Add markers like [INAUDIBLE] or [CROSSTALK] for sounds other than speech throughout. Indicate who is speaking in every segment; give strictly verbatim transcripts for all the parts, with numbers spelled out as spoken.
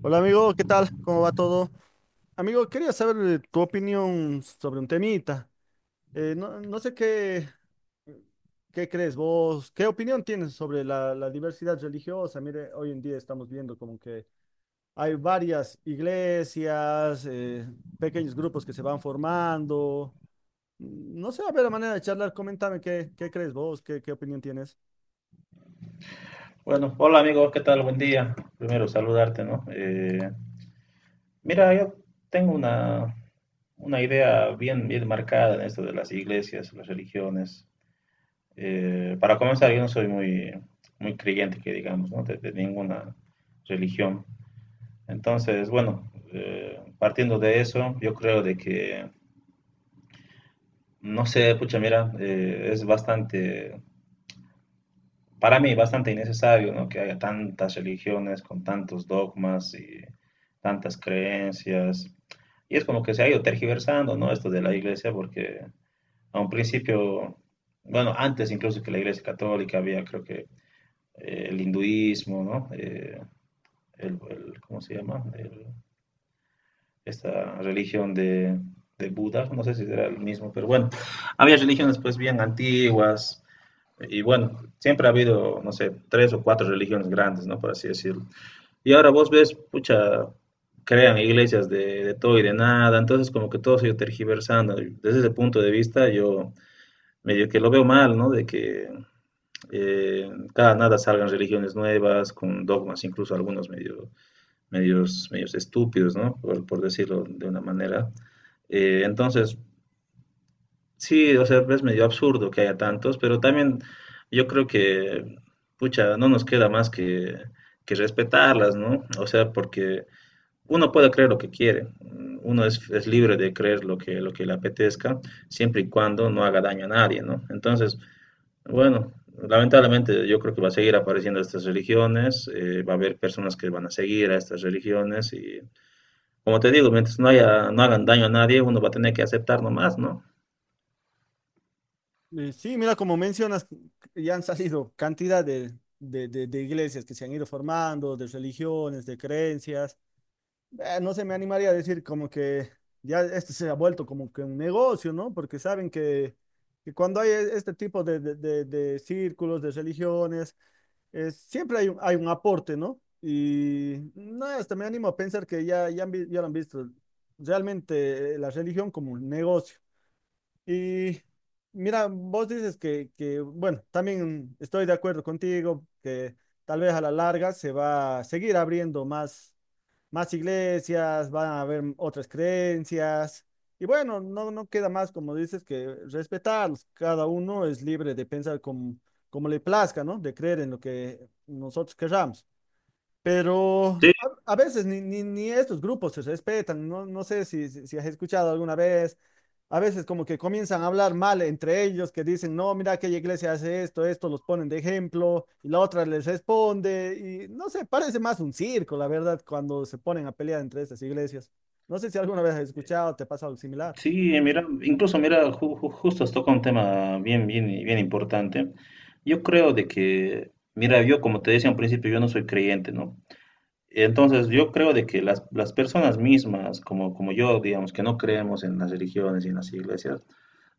Speaker 1: Hola amigo, ¿qué tal? ¿Cómo va todo? Amigo, quería saber eh, tu opinión sobre un temita. Eh, no, no sé qué, qué crees vos, qué opinión tienes sobre la, la diversidad religiosa. Mire, hoy en día estamos viendo como que hay varias iglesias, eh, pequeños grupos que se van formando. Mm, no sé, a ver, a manera de charlar, coméntame qué, qué crees vos, qué, qué opinión tienes.
Speaker 2: Bueno, hola amigos, ¿qué tal? Buen día. Primero saludarte, ¿no? Eh, mira, yo tengo una, una idea bien, bien marcada en esto de las iglesias, las religiones. Eh, para comenzar, yo no soy muy, muy creyente, que digamos, ¿no? De, de ninguna religión. Entonces, bueno, eh, partiendo de eso, yo creo de que, no sé, pucha, mira, eh, es bastante. Para mí, bastante innecesario, ¿no? Que haya tantas religiones con tantos dogmas y tantas creencias. Y es como que se ha ido tergiversando, ¿no? Esto de la iglesia, porque a un principio, bueno, antes incluso que la iglesia católica había, creo que, eh, el hinduismo, ¿no? Eh, el, el- ¿cómo se llama? El- Esta religión de, de Buda, no sé si era el mismo, pero bueno, había religiones pues bien antiguas y bueno, siempre ha habido, no sé, tres o cuatro religiones grandes, ¿no? Por así decirlo. Y ahora vos ves, pucha, crean iglesias de, de todo y de nada, entonces como que todo se ha ido tergiversando. Y desde ese punto de vista yo medio que lo veo mal, ¿no? De que eh, cada nada salgan religiones nuevas, con dogmas, incluso algunos medio, medios, medios estúpidos, ¿no? Por, por decirlo de una manera. Eh, entonces, Sí, o sea, es medio absurdo que haya tantos, pero también yo creo que, pucha, no nos queda más que, que respetarlas, ¿no? O sea, porque uno puede creer lo que quiere, uno es, es libre de creer lo que, lo que le apetezca, siempre y cuando no haga daño a nadie, ¿no? Entonces, bueno, lamentablemente yo creo que va a seguir apareciendo estas religiones, eh, va a haber personas que van a seguir a estas religiones y, como te digo, mientras no haya, no hagan daño a nadie, uno va a tener que aceptar nomás, ¿no?
Speaker 1: Eh, Sí, mira, como mencionas, ya han salido cantidad de, de- de- de iglesias que se han ido formando, de religiones, de creencias. Eh, no se me animaría a decir como que ya esto se ha vuelto como que un negocio, ¿no? Porque saben que, que cuando hay e- este tipo de, de- de- de círculos, de religiones, es- siempre hay un, hay un aporte, ¿no? Y no, hasta me animo a pensar que ya, ya, han vi- ya lo han visto realmente, eh, la religión como un negocio. Y mira, vos dices que, que, bueno, también estoy de acuerdo contigo, que tal vez a la larga se va a seguir abriendo más, más iglesias, van a haber otras creencias. Y bueno, no, no queda más, como dices, que respetarlos. Cada uno es libre de pensar como, como le plazca, ¿no? De creer en lo que nosotros querramos.
Speaker 2: Sí,
Speaker 1: Pero a, a veces ni, ni, ni estos grupos se respetan, no, no sé si, si, si has escuchado alguna vez, a veces como que comienzan a hablar mal entre ellos, que dicen, no, mira aquella iglesia hace esto, esto los ponen de ejemplo, y la otra les responde, y no sé, parece más un circo, la verdad, cuando se ponen a pelear entre estas iglesias. No sé si alguna vez has escuchado, te ha pasado algo similar.
Speaker 2: sí, mira, incluso mira, ju- ju- justo has tocado un tema bien, bien, bien importante. Yo creo de que, mira, yo como te decía al principio, yo no soy creyente, ¿no? Entonces, yo creo de que las, las personas mismas, como, como yo, digamos, que no creemos en las religiones y en las iglesias,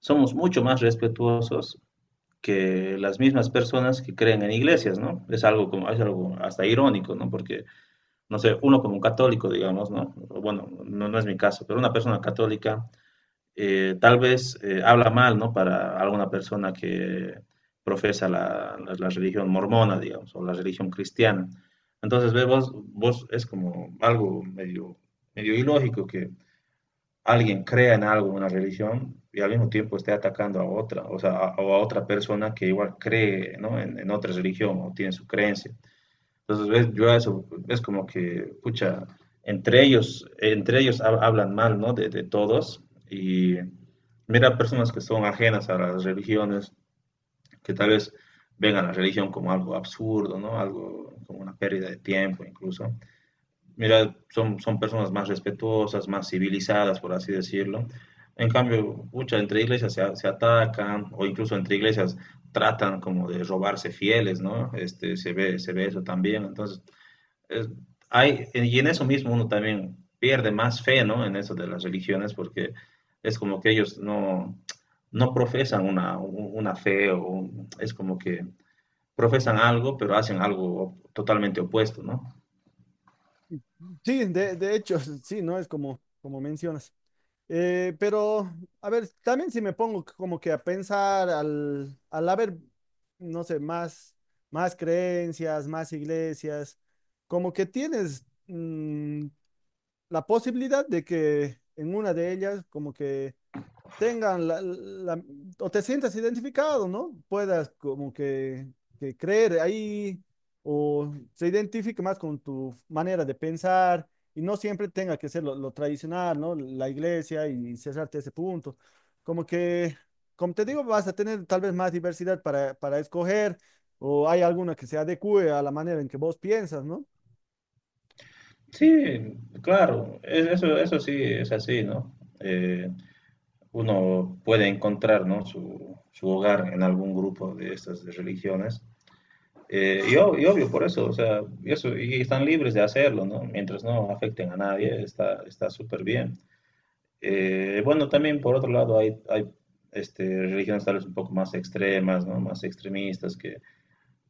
Speaker 2: somos mucho más respetuosos que las mismas personas que creen en iglesias, ¿no? Es algo como, es algo hasta irónico, ¿no? Porque, no sé, uno como un católico, digamos, ¿no? Bueno, no, no es mi caso, pero una persona católica eh, tal vez eh, habla mal, ¿no? Para alguna persona que profesa la, la- la religión mormona, digamos, o la religión cristiana. Entonces, ve, vos, vos es como algo medio, medio ilógico que alguien crea en algo, en una religión, y al mismo tiempo esté atacando a otra, o sea, a, o a otra persona que igual cree, ¿no? En, en otra religión o tiene su creencia. Entonces, ves, yo a eso, es como que, pucha, entre ellos, entre ellos hab- hablan mal, ¿no? De, de todos. Y mira, personas que son ajenas a las religiones, que tal vez ven a la religión como algo absurdo, ¿no? Algo como una pérdida de tiempo incluso. Mira, son, son personas más respetuosas, más civilizadas, por así decirlo. En cambio, muchas entre iglesias se, a- se atacan o incluso entre iglesias tratan como de robarse fieles, ¿no? Este, se ve, se ve eso también. Entonces, eh, hay, y en eso mismo uno también pierde más fe, ¿no? En eso de las religiones, porque es como que ellos no, no profesan una, una fe, o un- es como que profesan algo, pero hacen algo totalmente opuesto, ¿no?
Speaker 1: Sí, de, de hecho, [LAUGHS] sí, no es como, como mencionas. Eh, pero, a ver, también si me pongo c- como que a pensar al, al haber, no sé, más, más creencias, más iglesias, como que tienes mm, la posibilidad de que en una de ellas, como que tengan la, la- o te sientas identificado, ¿no? Puedas como que, que creer ahí o se identifique más con tu manera de pensar y no siempre tenga que ser lo, lo tradicional, ¿no? La iglesia y cerrarte ese punto. Como que, como te digo, vas a tener tal vez más diversidad para, para escoger o hay alguna que se adecue a la manera en que vos piensas, ¿no?
Speaker 2: Sí, claro, es- eso, eso sí es así, ¿no? Eh, Uno puede encontrar, ¿no? su, su hogar en algún grupo de estas de religiones. Eh, y, ob- y obvio, por eso, o sea, y eso, y están libres de hacerlo, ¿no? Mientras no afecten a nadie, está, está súper bien. Eh, bueno, también por otro lado hay, hay este, religiones tal vez un poco más extremas, ¿no? Más extremistas que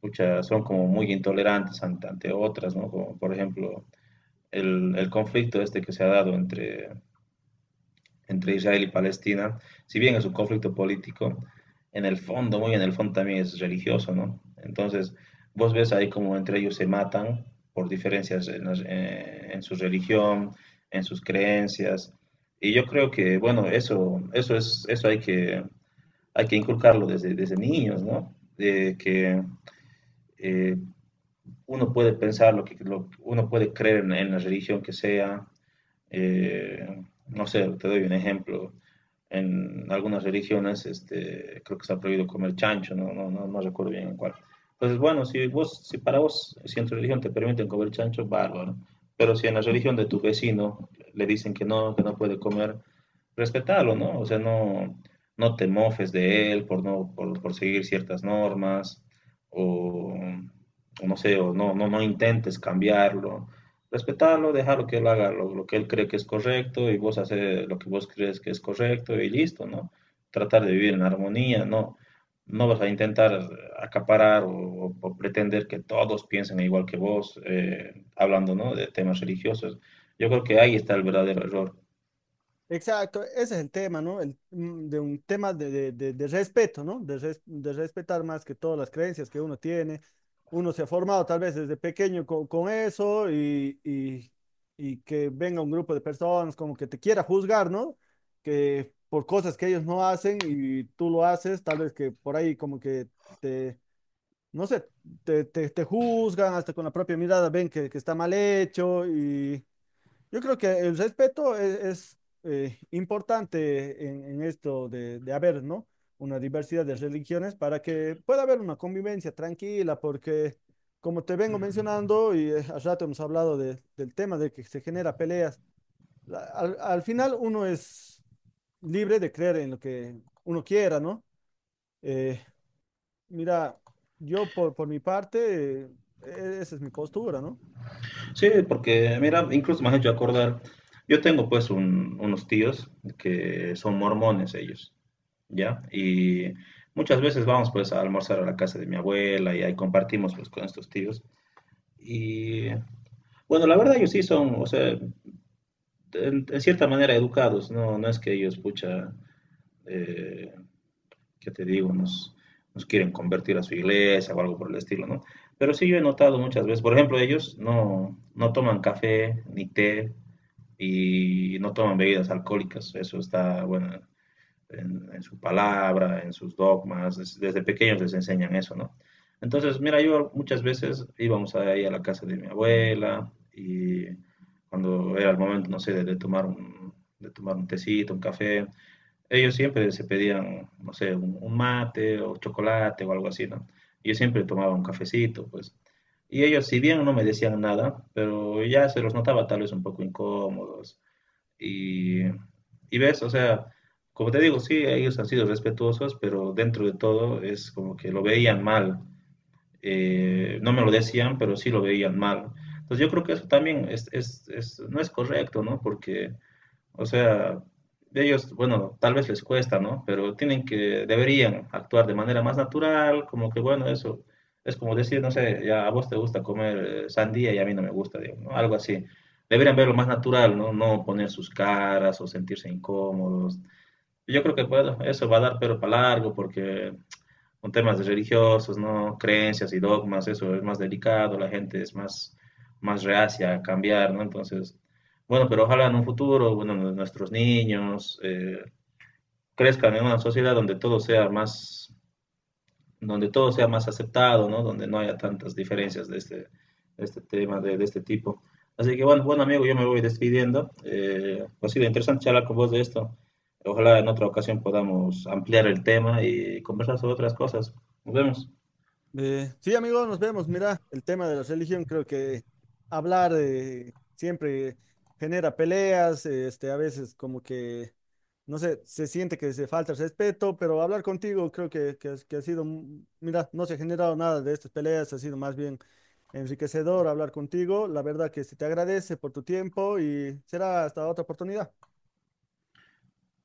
Speaker 2: pucha, son como muy intolerantes ante, ante otras, ¿no? Como por ejemplo el, el conflicto este que se ha dado entre entre Israel y Palestina, si bien es un conflicto político, en el fondo, muy en el fondo también es religioso, ¿no? Entonces, vos ves ahí como entre ellos se matan por diferencias en, las- eh, en su religión, en sus creencias. Y yo creo que, bueno, eso, eso es, eso hay que, hay que inculcarlo desde, desde niños, ¿no? De que eh, uno puede pensar lo que, lo- uno puede creer en, en la religión que sea, eh, no sé, te doy un ejemplo. En algunas religiones, este, creo que está prohibido comer chancho, no, no, no, no recuerdo bien en cuál. Entonces, bueno, si vos, si para vos, si en tu religión te permiten comer chancho, bárbaro. Pero si en la religión de tu vecino le dicen que no, que no puede comer, respetalo, ¿no? O sea, no, no te mofes de él por no, por, por seguir ciertas normas, o, o no sé, o no, no, no intentes cambiarlo, respetarlo, dejarlo que él haga lo, lo que él cree que es correcto y vos haces lo que vos crees que es correcto y listo, ¿no? Tratar de vivir en armonía, ¿no? No vas a intentar acaparar o, o pretender que todos piensen igual que vos, eh, hablando, ¿no? De temas religiosos. Yo creo que ahí está el verdadero error.
Speaker 1: Exacto, ese es el tema, ¿no? El, mm, de un tema de, de- de- de respeto, ¿no? De, res- de respetar más que todas las creencias que uno tiene. Uno se ha formado tal vez desde pequeño co- con eso, y, y- y que venga un grupo de personas como que te quiera juzgar, ¿no? Que por cosas que ellos no hacen y tú lo haces, tal vez que por ahí como que te, no sé, te, te, te juzgan, hasta con la propia mirada ven que, que está mal hecho. Yo creo que el respeto es, es, eh, importante en, en esto de, de haber, ¿no? Una diversidad de religiones para que pueda haber una convivencia tranquila, porque como te vengo mencionando y, eh, al rato hemos hablado de- del tema de que se genera peleas, la- al, al final uno es libre de creer en lo que uno quiera, ¿no? Eh, Mira, yo por, por mi parte, eh, e-, esa es mi postura, ¿no?
Speaker 2: Sí, porque mira, incluso me has hecho acordar, yo tengo pues un- unos tíos que son mormones ellos. ¿Ya? Y muchas veces vamos pues a almorzar a la casa de mi abuela y ahí compartimos pues con estos tíos. Y bueno, la verdad ellos sí son, o sea, en, en cierta manera educados, ¿no? No es que ellos, pucha, eh, ¿qué te digo? Nos, nos quieren convertir a su iglesia o algo por el estilo, ¿no? Pero sí yo he notado muchas veces, por ejemplo, ellos no, no toman café ni té y no toman bebidas alcohólicas, eso está, bueno, en, en su palabra, en sus dogmas, desde pequeños les enseñan eso, ¿no? Entonces, mira, yo muchas veces íbamos ahí a la casa de mi abuela y cuando era el momento, no sé, de, de tomar un, de tomar un tecito, un café, ellos siempre se pedían, no sé, un, un mate o chocolate o algo así, ¿no? Yo siempre tomaba un cafecito, pues. Y ellos, si bien no me decían nada, pero ya se los notaba tal vez un poco incómodos, y, y ves, o sea, como te digo, sí, ellos han sido respetuosos, pero dentro de todo es como que lo veían mal. Eh, no me lo decían, pero sí lo veían mal. Entonces yo creo que eso también es, es- es- no es correcto, ¿no? Porque o sea, ellos, bueno, tal vez les cuesta, ¿no? Pero tienen que, deberían actuar de manera más natural, como que, bueno, eso es como decir, no sé, ya a vos te gusta comer eh, sandía y a mí no me gusta, digamos, ¿no? Algo así. Deberían verlo más natural, ¿no? No poner sus caras o sentirse incómodos. Yo creo que, bueno, eso va a dar pero para largo porque con temas de religiosos, ¿no? Creencias y dogmas, eso es más delicado, la gente es más, más reacia a cambiar, ¿no? Entonces, bueno, pero ojalá en un futuro, bueno, nu- nuestros niños eh, crezcan en una sociedad donde todo sea más, donde todo sea más aceptado, ¿no? Donde no haya tantas diferencias de este, de este tema, de, de este tipo. Así que bueno, bueno amigo, yo me voy despidiendo. Eh, ha sido interesante charlar con vos de esto. Ojalá en otra ocasión podamos ampliar el tema y conversar sobre otras cosas. Nos vemos.
Speaker 1: Eh, sí, amigo, nos vemos. Mira, el tema de la religión, creo que hablar, eh, siempre genera peleas, eh, este, a veces como que, no sé, se siente que se falta el respeto, pero hablar contigo creo que, que, has- que ha sido, mm, mira, no se ha generado nada de estas peleas, ha sido más bien enriquecedor hablar contigo. La verdad que se te agradece por tu tiempo y será hasta otra oportunidad.